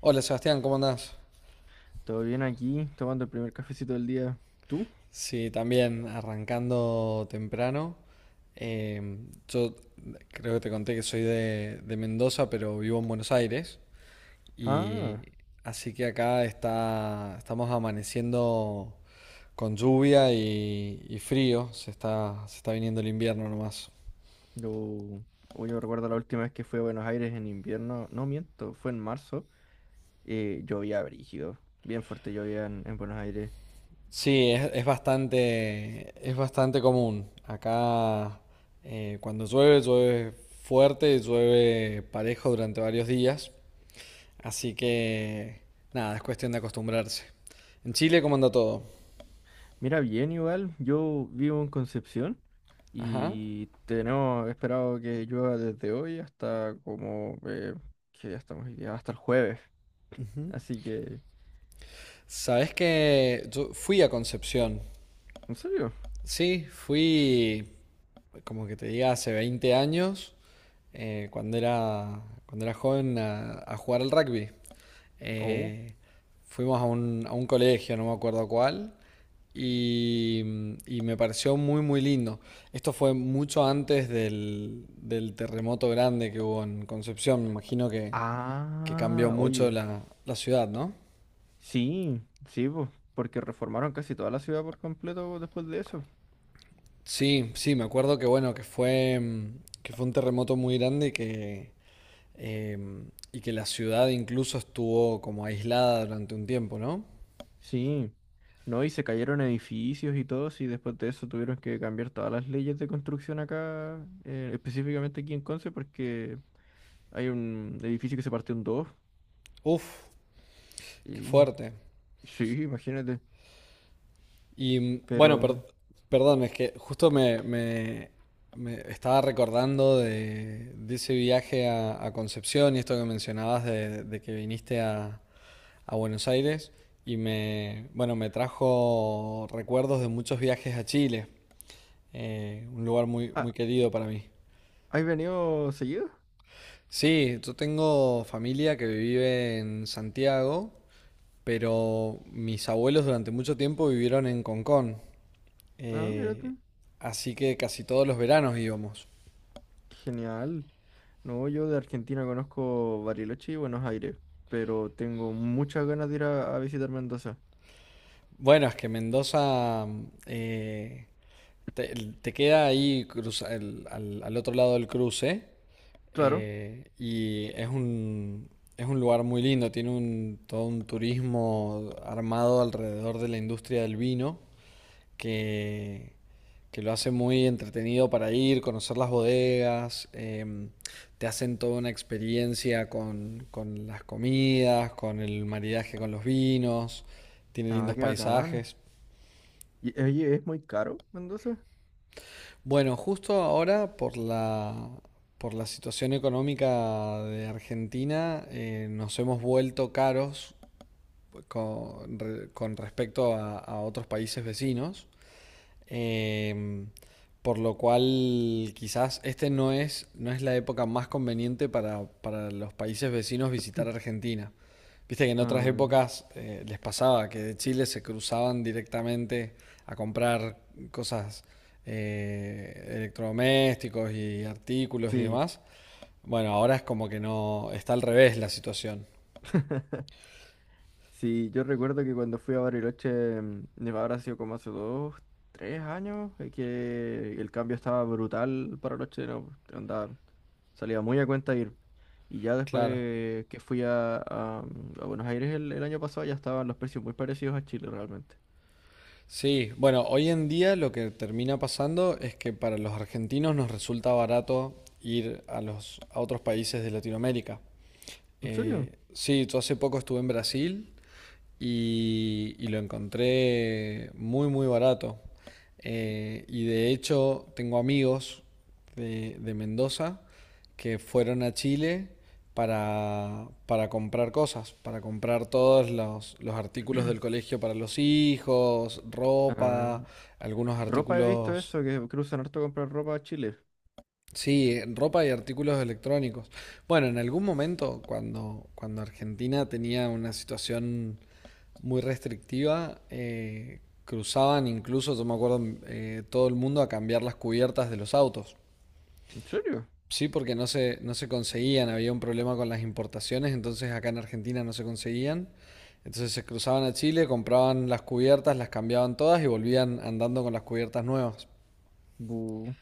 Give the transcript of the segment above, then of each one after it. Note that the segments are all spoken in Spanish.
Hola Sebastián, ¿cómo andás? Todo bien aquí, tomando el primer cafecito del día. ¿Tú? Sí, también arrancando temprano. Eh, yo creo que te conté que soy de Mendoza, pero vivo en Buenos Aires. Y Ah, así que acá estamos amaneciendo con lluvia y frío. Se está viniendo el invierno nomás. yo, oh, yo recuerdo la última vez que fui a Buenos Aires en invierno. No miento, fue en marzo. Llovía brígido, bien fuerte llovía en Buenos Aires. Sí, es bastante común. Acá cuando llueve, llueve fuerte, llueve parejo durante varios días. Así que nada, es cuestión de acostumbrarse. En Chile, ¿cómo anda todo? Mira, bien igual, yo vivo en Concepción Ajá. y tenemos esperado que llueva desde hoy hasta como que ya estamos hoy día, hasta el jueves. Así que, Sabes que yo fui a Concepción. ¿en serio? Sí, fui como que te diga, hace 20 años, cuando cuando era joven, a jugar al rugby. Oh. Eh, fuimos a a un colegio, no me acuerdo cuál, y, y me pareció muy, muy lindo. Esto fue mucho antes del terremoto grande que hubo en Concepción, me imagino que cambió Ah, mucho oye. La ciudad, ¿no? Sí, sí, po, porque reformaron casi toda la ciudad por completo después de eso. Sí, sí, me acuerdo que bueno, que fue, que fue un terremoto muy grande Eh, y que la ciudad incluso estuvo como aislada durante un tiempo, ¿no? Sí, no, y se cayeron edificios y todo, y después de eso tuvieron que cambiar todas las leyes de construcción acá, específicamente aquí en Conce, porque hay un edificio que se partió en dos. Uf, qué Y fuerte. sí, imagínate, Y bueno, pero... perdón, es que justo me estaba recordando de ese viaje a Concepción y esto que mencionabas de que viniste a Buenos Aires y me, bueno, me trajo recuerdos de muchos viajes a Chile, un lugar muy, muy Ah, querido para mí. ¿has venido seguido? Sí, yo tengo familia que vive en Santiago, pero mis abuelos durante mucho tiempo vivieron en Concón, Ah, mira eh, tú. así que casi todos los veranos íbamos. Genial. No, yo de Argentina conozco Bariloche y Buenos Aires, pero tengo muchas ganas de ir a visitar Mendoza. Bueno, es que Mendoza eh, te, te queda ahí al otro lado del cruce Claro. Y es es un lugar muy lindo, tiene un, todo un turismo armado alrededor de la industria del vino. Que, que lo hace muy entretenido para ir, conocer las bodegas, te hacen toda una experiencia con las comidas, con el maridaje con los vinos, tiene Ah, lindos qué bacán. paisajes. Y, oye, ¿es muy caro Mendoza? Bueno, justo ahora por la situación económica de Argentina nos hemos vuelto caros con respecto a otros países vecinos. Em, por lo cual quizás este no es, no es la época más conveniente para los países vecinos visitar Argentina. Viste que en otras Ah, épocas les pasaba que de Chile se cruzaban directamente a comprar cosas electrodomésticos y artículos y sí. demás. Bueno, ahora es como que no, está al revés la situación. Sí, yo recuerdo que cuando fui a Bariloche, habrá sido como hace dos, tres años, que el cambio estaba brutal para los chilenos, pues, andaba, salía muy a cuenta ir. Y ya Claro. después que fui a, a Buenos Aires el año pasado, ya estaban los precios muy parecidos a Chile realmente. Sí, bueno, hoy en día lo que termina pasando es que para los argentinos nos resulta barato ir a los a otros países de Latinoamérica. ¿En serio? Sí, yo hace poco estuve en Brasil y lo encontré muy, muy barato. Y de hecho tengo amigos de Mendoza que fueron a Chile para comprar cosas, para comprar todos los artículos del colegio para los hijos, Ah, ropa, algunos ropa he visto artículos, eso, que cruzan harto comprar ropa a Chile. sí, ropa y artículos electrónicos. Bueno, en algún momento cuando Argentina tenía una situación muy restrictiva. Cruzaban incluso, yo me acuerdo, todo el mundo a cambiar las cubiertas de los autos. ¿En serio? Sí, porque no se conseguían, había un problema con las importaciones, entonces acá en Argentina no se conseguían. Entonces se cruzaban a Chile, compraban las cubiertas, las cambiaban todas y volvían andando con las cubiertas nuevas. Bu.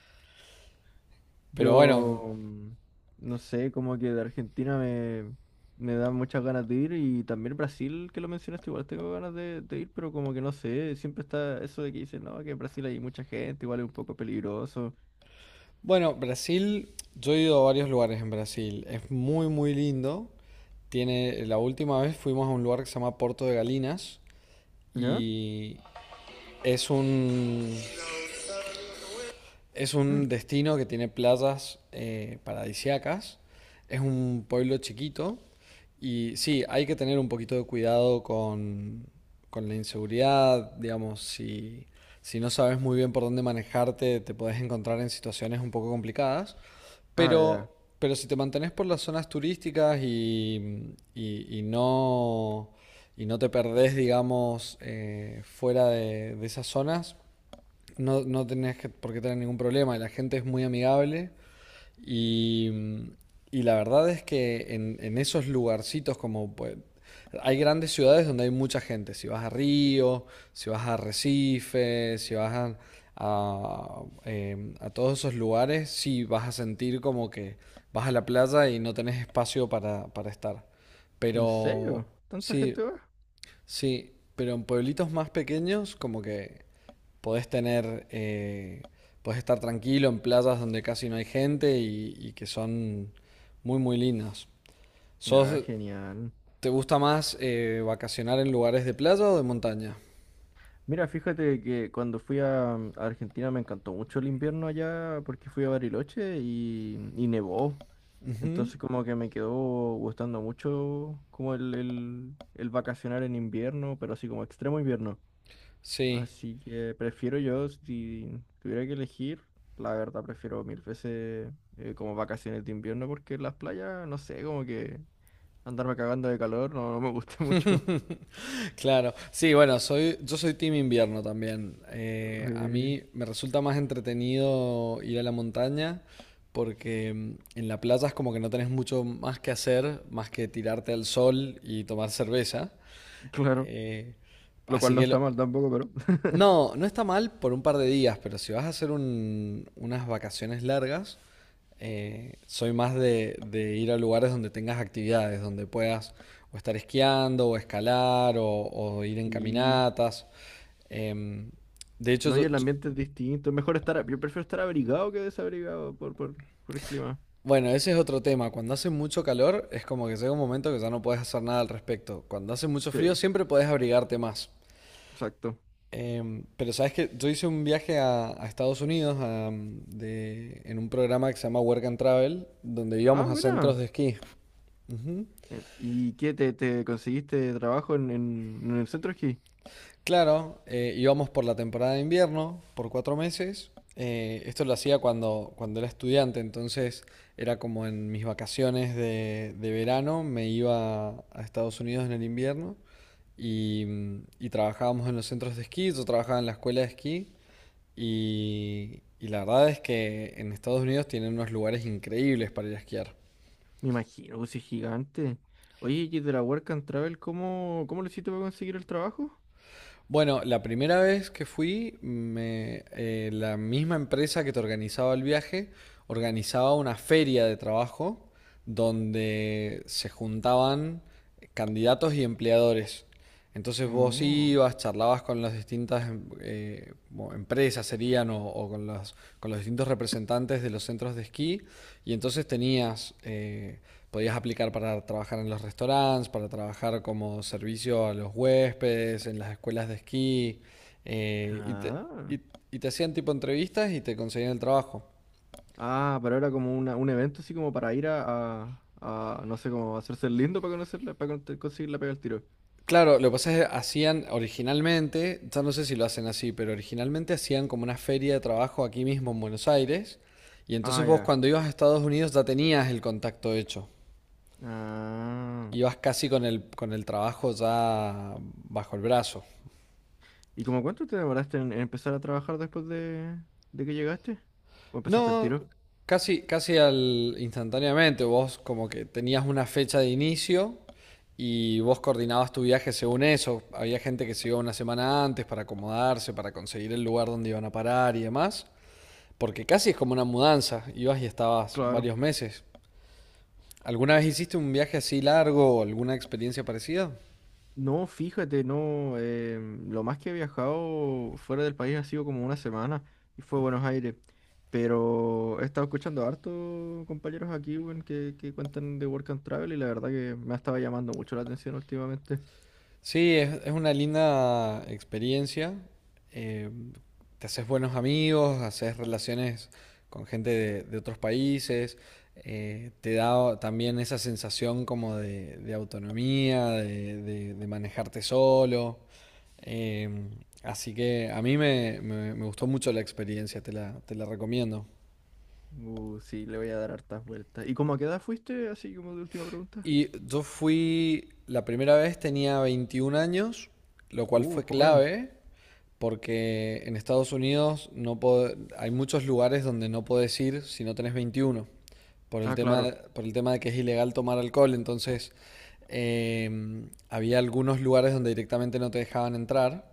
Pero bueno, Yo, no sé, como que de Argentina me da muchas ganas de ir y también Brasil, que lo mencionaste, igual tengo ganas de ir, pero como que no sé, siempre está eso de que dicen, no, que en Brasil hay mucha gente, igual es un poco peligroso. bueno, Brasil, yo he ido a varios lugares en Brasil, es muy muy lindo. Tiene, la última vez fuimos a un lugar que se llama Porto de Galinas ¿Ya? y es es un destino que tiene playas paradisiacas. Es un pueblo chiquito. Y sí, hay que tener un poquito de cuidado con la inseguridad, digamos, si, si no sabes muy bien por dónde manejarte, te podés encontrar en situaciones un poco complicadas, Ah, ya. Pero si te mantenés por las zonas turísticas y no te perdés, digamos, fuera de esas zonas, no, no tenés por qué tener ningún problema, la gente es muy amigable y, y la verdad es que en esos lugarcitos como pues, hay grandes ciudades donde hay mucha gente, si vas a Río, si vas a Recife, si vas a todos esos lugares, sí vas a sentir como que vas a la playa y no tenés espacio para estar. ¿En Pero serio? ¿Tanta sí, gente va? sí, pero en pueblitos más pequeños como que podés tener, podés estar tranquilo en playas donde casi no hay gente y que son muy, muy lindas. Ah, ¿Sos, genial. te gusta más vacacionar en lugares de playa o de montaña? Mira, fíjate que cuando fui a Argentina me encantó mucho el invierno allá porque fui a Bariloche y nevó. Ujú. Entonces como que me quedó gustando mucho como el vacacionar en invierno, pero así como extremo invierno. Sí, Así que prefiero yo, si tuviera que elegir, la verdad prefiero mil veces como vacaciones de invierno porque las playas, no sé, como que andarme cagando de calor no me gusta mucho. claro. Sí, bueno, yo soy team invierno también. A Eh, mí me resulta más entretenido ir a la montaña porque en la playa es como que no tenés mucho más que hacer, más que tirarte al sol y tomar cerveza. claro, Eh, lo así cual no que está mal tampoco, pero no, no está mal por un par de días, pero si vas a hacer unas vacaciones largas, soy más de ir a lugares donde tengas actividades, donde puedas o estar esquiando, o escalar, o ir en sí. caminatas. Em, de hecho, No, y el ambiente es distinto. Es mejor estar, yo prefiero estar abrigado que desabrigado por el clima. bueno, ese es otro tema. Cuando hace mucho calor, es como que llega un momento que ya no puedes hacer nada al respecto. Cuando hace mucho frío, Sí, siempre podés abrigarte más. exacto. Pero sabes que yo hice un viaje a Estados Unidos en un programa que se llama Work and Travel, donde Ah, íbamos a centros buena. de esquí. Ujú. ¿Y qué te conseguiste trabajo en el centro aquí? Claro, íbamos por la temporada de invierno, por 4 meses. Esto lo hacía cuando era estudiante, entonces era como en mis vacaciones de verano, me iba a Estados Unidos en el invierno y trabajábamos en los centros de esquí, yo trabajaba en la escuela de esquí. Y la verdad es que en Estados Unidos tienen unos lugares increíbles para ir a esquiar. Me imagino, pues si es gigante. Oye, y de la Work and Travel, ¿cómo, cómo lo hiciste para conseguir el trabajo? Bueno, la primera vez que fui, la misma empresa que te organizaba el viaje organizaba una feria de trabajo donde se juntaban candidatos y empleadores. Entonces vos Oh. ibas, charlabas con las distintas empresas, serían, o con los distintos representantes de los centros de esquí, y entonces tenías, podías aplicar para trabajar en los restaurantes, para trabajar como servicio a los huéspedes, en las escuelas de esquí, eh, y te, Ah, y- y te hacían tipo entrevistas y te conseguían el trabajo. ah, pero era como una, un evento así como para ir no sé, como hacerse el lindo para conocerla, para conseguir la pega al tiro. Claro, lo que pasa es que hacían originalmente, ya no sé si lo hacen así, pero originalmente hacían como una feria de trabajo aquí mismo en Buenos Aires. Y entonces Ah, vos ya. cuando ibas a Estados Unidos ya tenías el contacto hecho. Ah. Ibas casi con el trabajo ya bajo el brazo. ¿Y como cuánto te demoraste en empezar a trabajar después de que llegaste? ¿O empezaste el No, tiro? casi, casi al instantáneamente. Vos como que tenías una fecha de inicio y vos coordinabas tu viaje según eso. Había gente que se iba una semana antes para acomodarse, para conseguir el lugar donde iban a parar y demás. Porque casi es como una mudanza, ibas y estabas Claro. varios meses. ¿Alguna vez hiciste un viaje así largo o alguna experiencia parecida? No, fíjate, no. Lo más que he viajado fuera del país ha sido como una semana y fue Buenos Aires. Pero he estado escuchando harto compañeros aquí, weón, que cuentan de Work and Travel y la verdad que me ha estado llamando mucho la atención últimamente. Sí, es una linda experiencia. Eh, te haces buenos amigos, haces relaciones con gente de otros países, te da también esa sensación como de, autonomía, de manejarte solo. Eh, así que a mí me gustó mucho la experiencia, te te la recomiendo. Sí, le voy a dar hartas vueltas. ¿Y cómo a qué edad fuiste? Así como de última pregunta. Y yo fui, la primera vez tenía 21 años, lo cual fue Joven. clave porque en Estados Unidos no pod- hay muchos lugares donde no podés ir si no tenés 21, por el Ah, tema, claro. por el tema de que es ilegal tomar alcohol. Entonces, eh, había algunos lugares donde directamente no te dejaban entrar.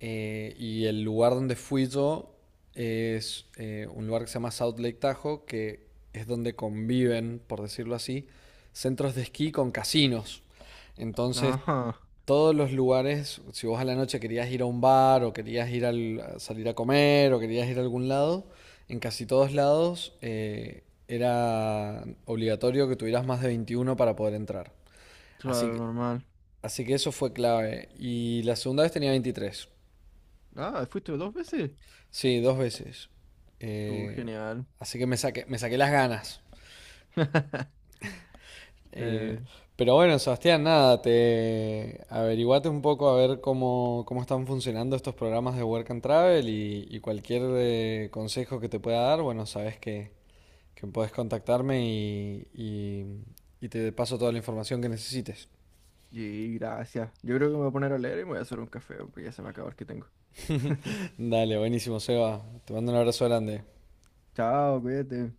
Y el lugar donde fui yo es un lugar que se llama South Lake Tahoe, que es donde conviven, por decirlo así, centros de esquí con casinos. Entonces, Ajá, todos los lugares, si vos a la noche querías ir a un bar o querías ir a salir a comer o querías ir a algún lado, en casi todos lados era obligatorio que tuvieras más de 21 para poder entrar. Así claro, que, normal. así que eso fue clave. Y la segunda vez tenía 23. Ah, ¿fuiste dos veces? Sí, dos veces. Tú, Eh, genial. así que me saqué las ganas. Eh, Eh, pero bueno, Sebastián, nada, te averiguate un poco a ver cómo, cómo están funcionando estos programas de Work and Travel y cualquier consejo que te pueda dar, bueno, sabes que puedes contactarme y te paso toda la información que necesites. Y gracias. Yo creo que me voy a poner a leer y me voy a hacer un café porque ya se me acabó el que tengo. Dale, buenísimo, Seba. Te mando un abrazo grande. Chao, cuídate.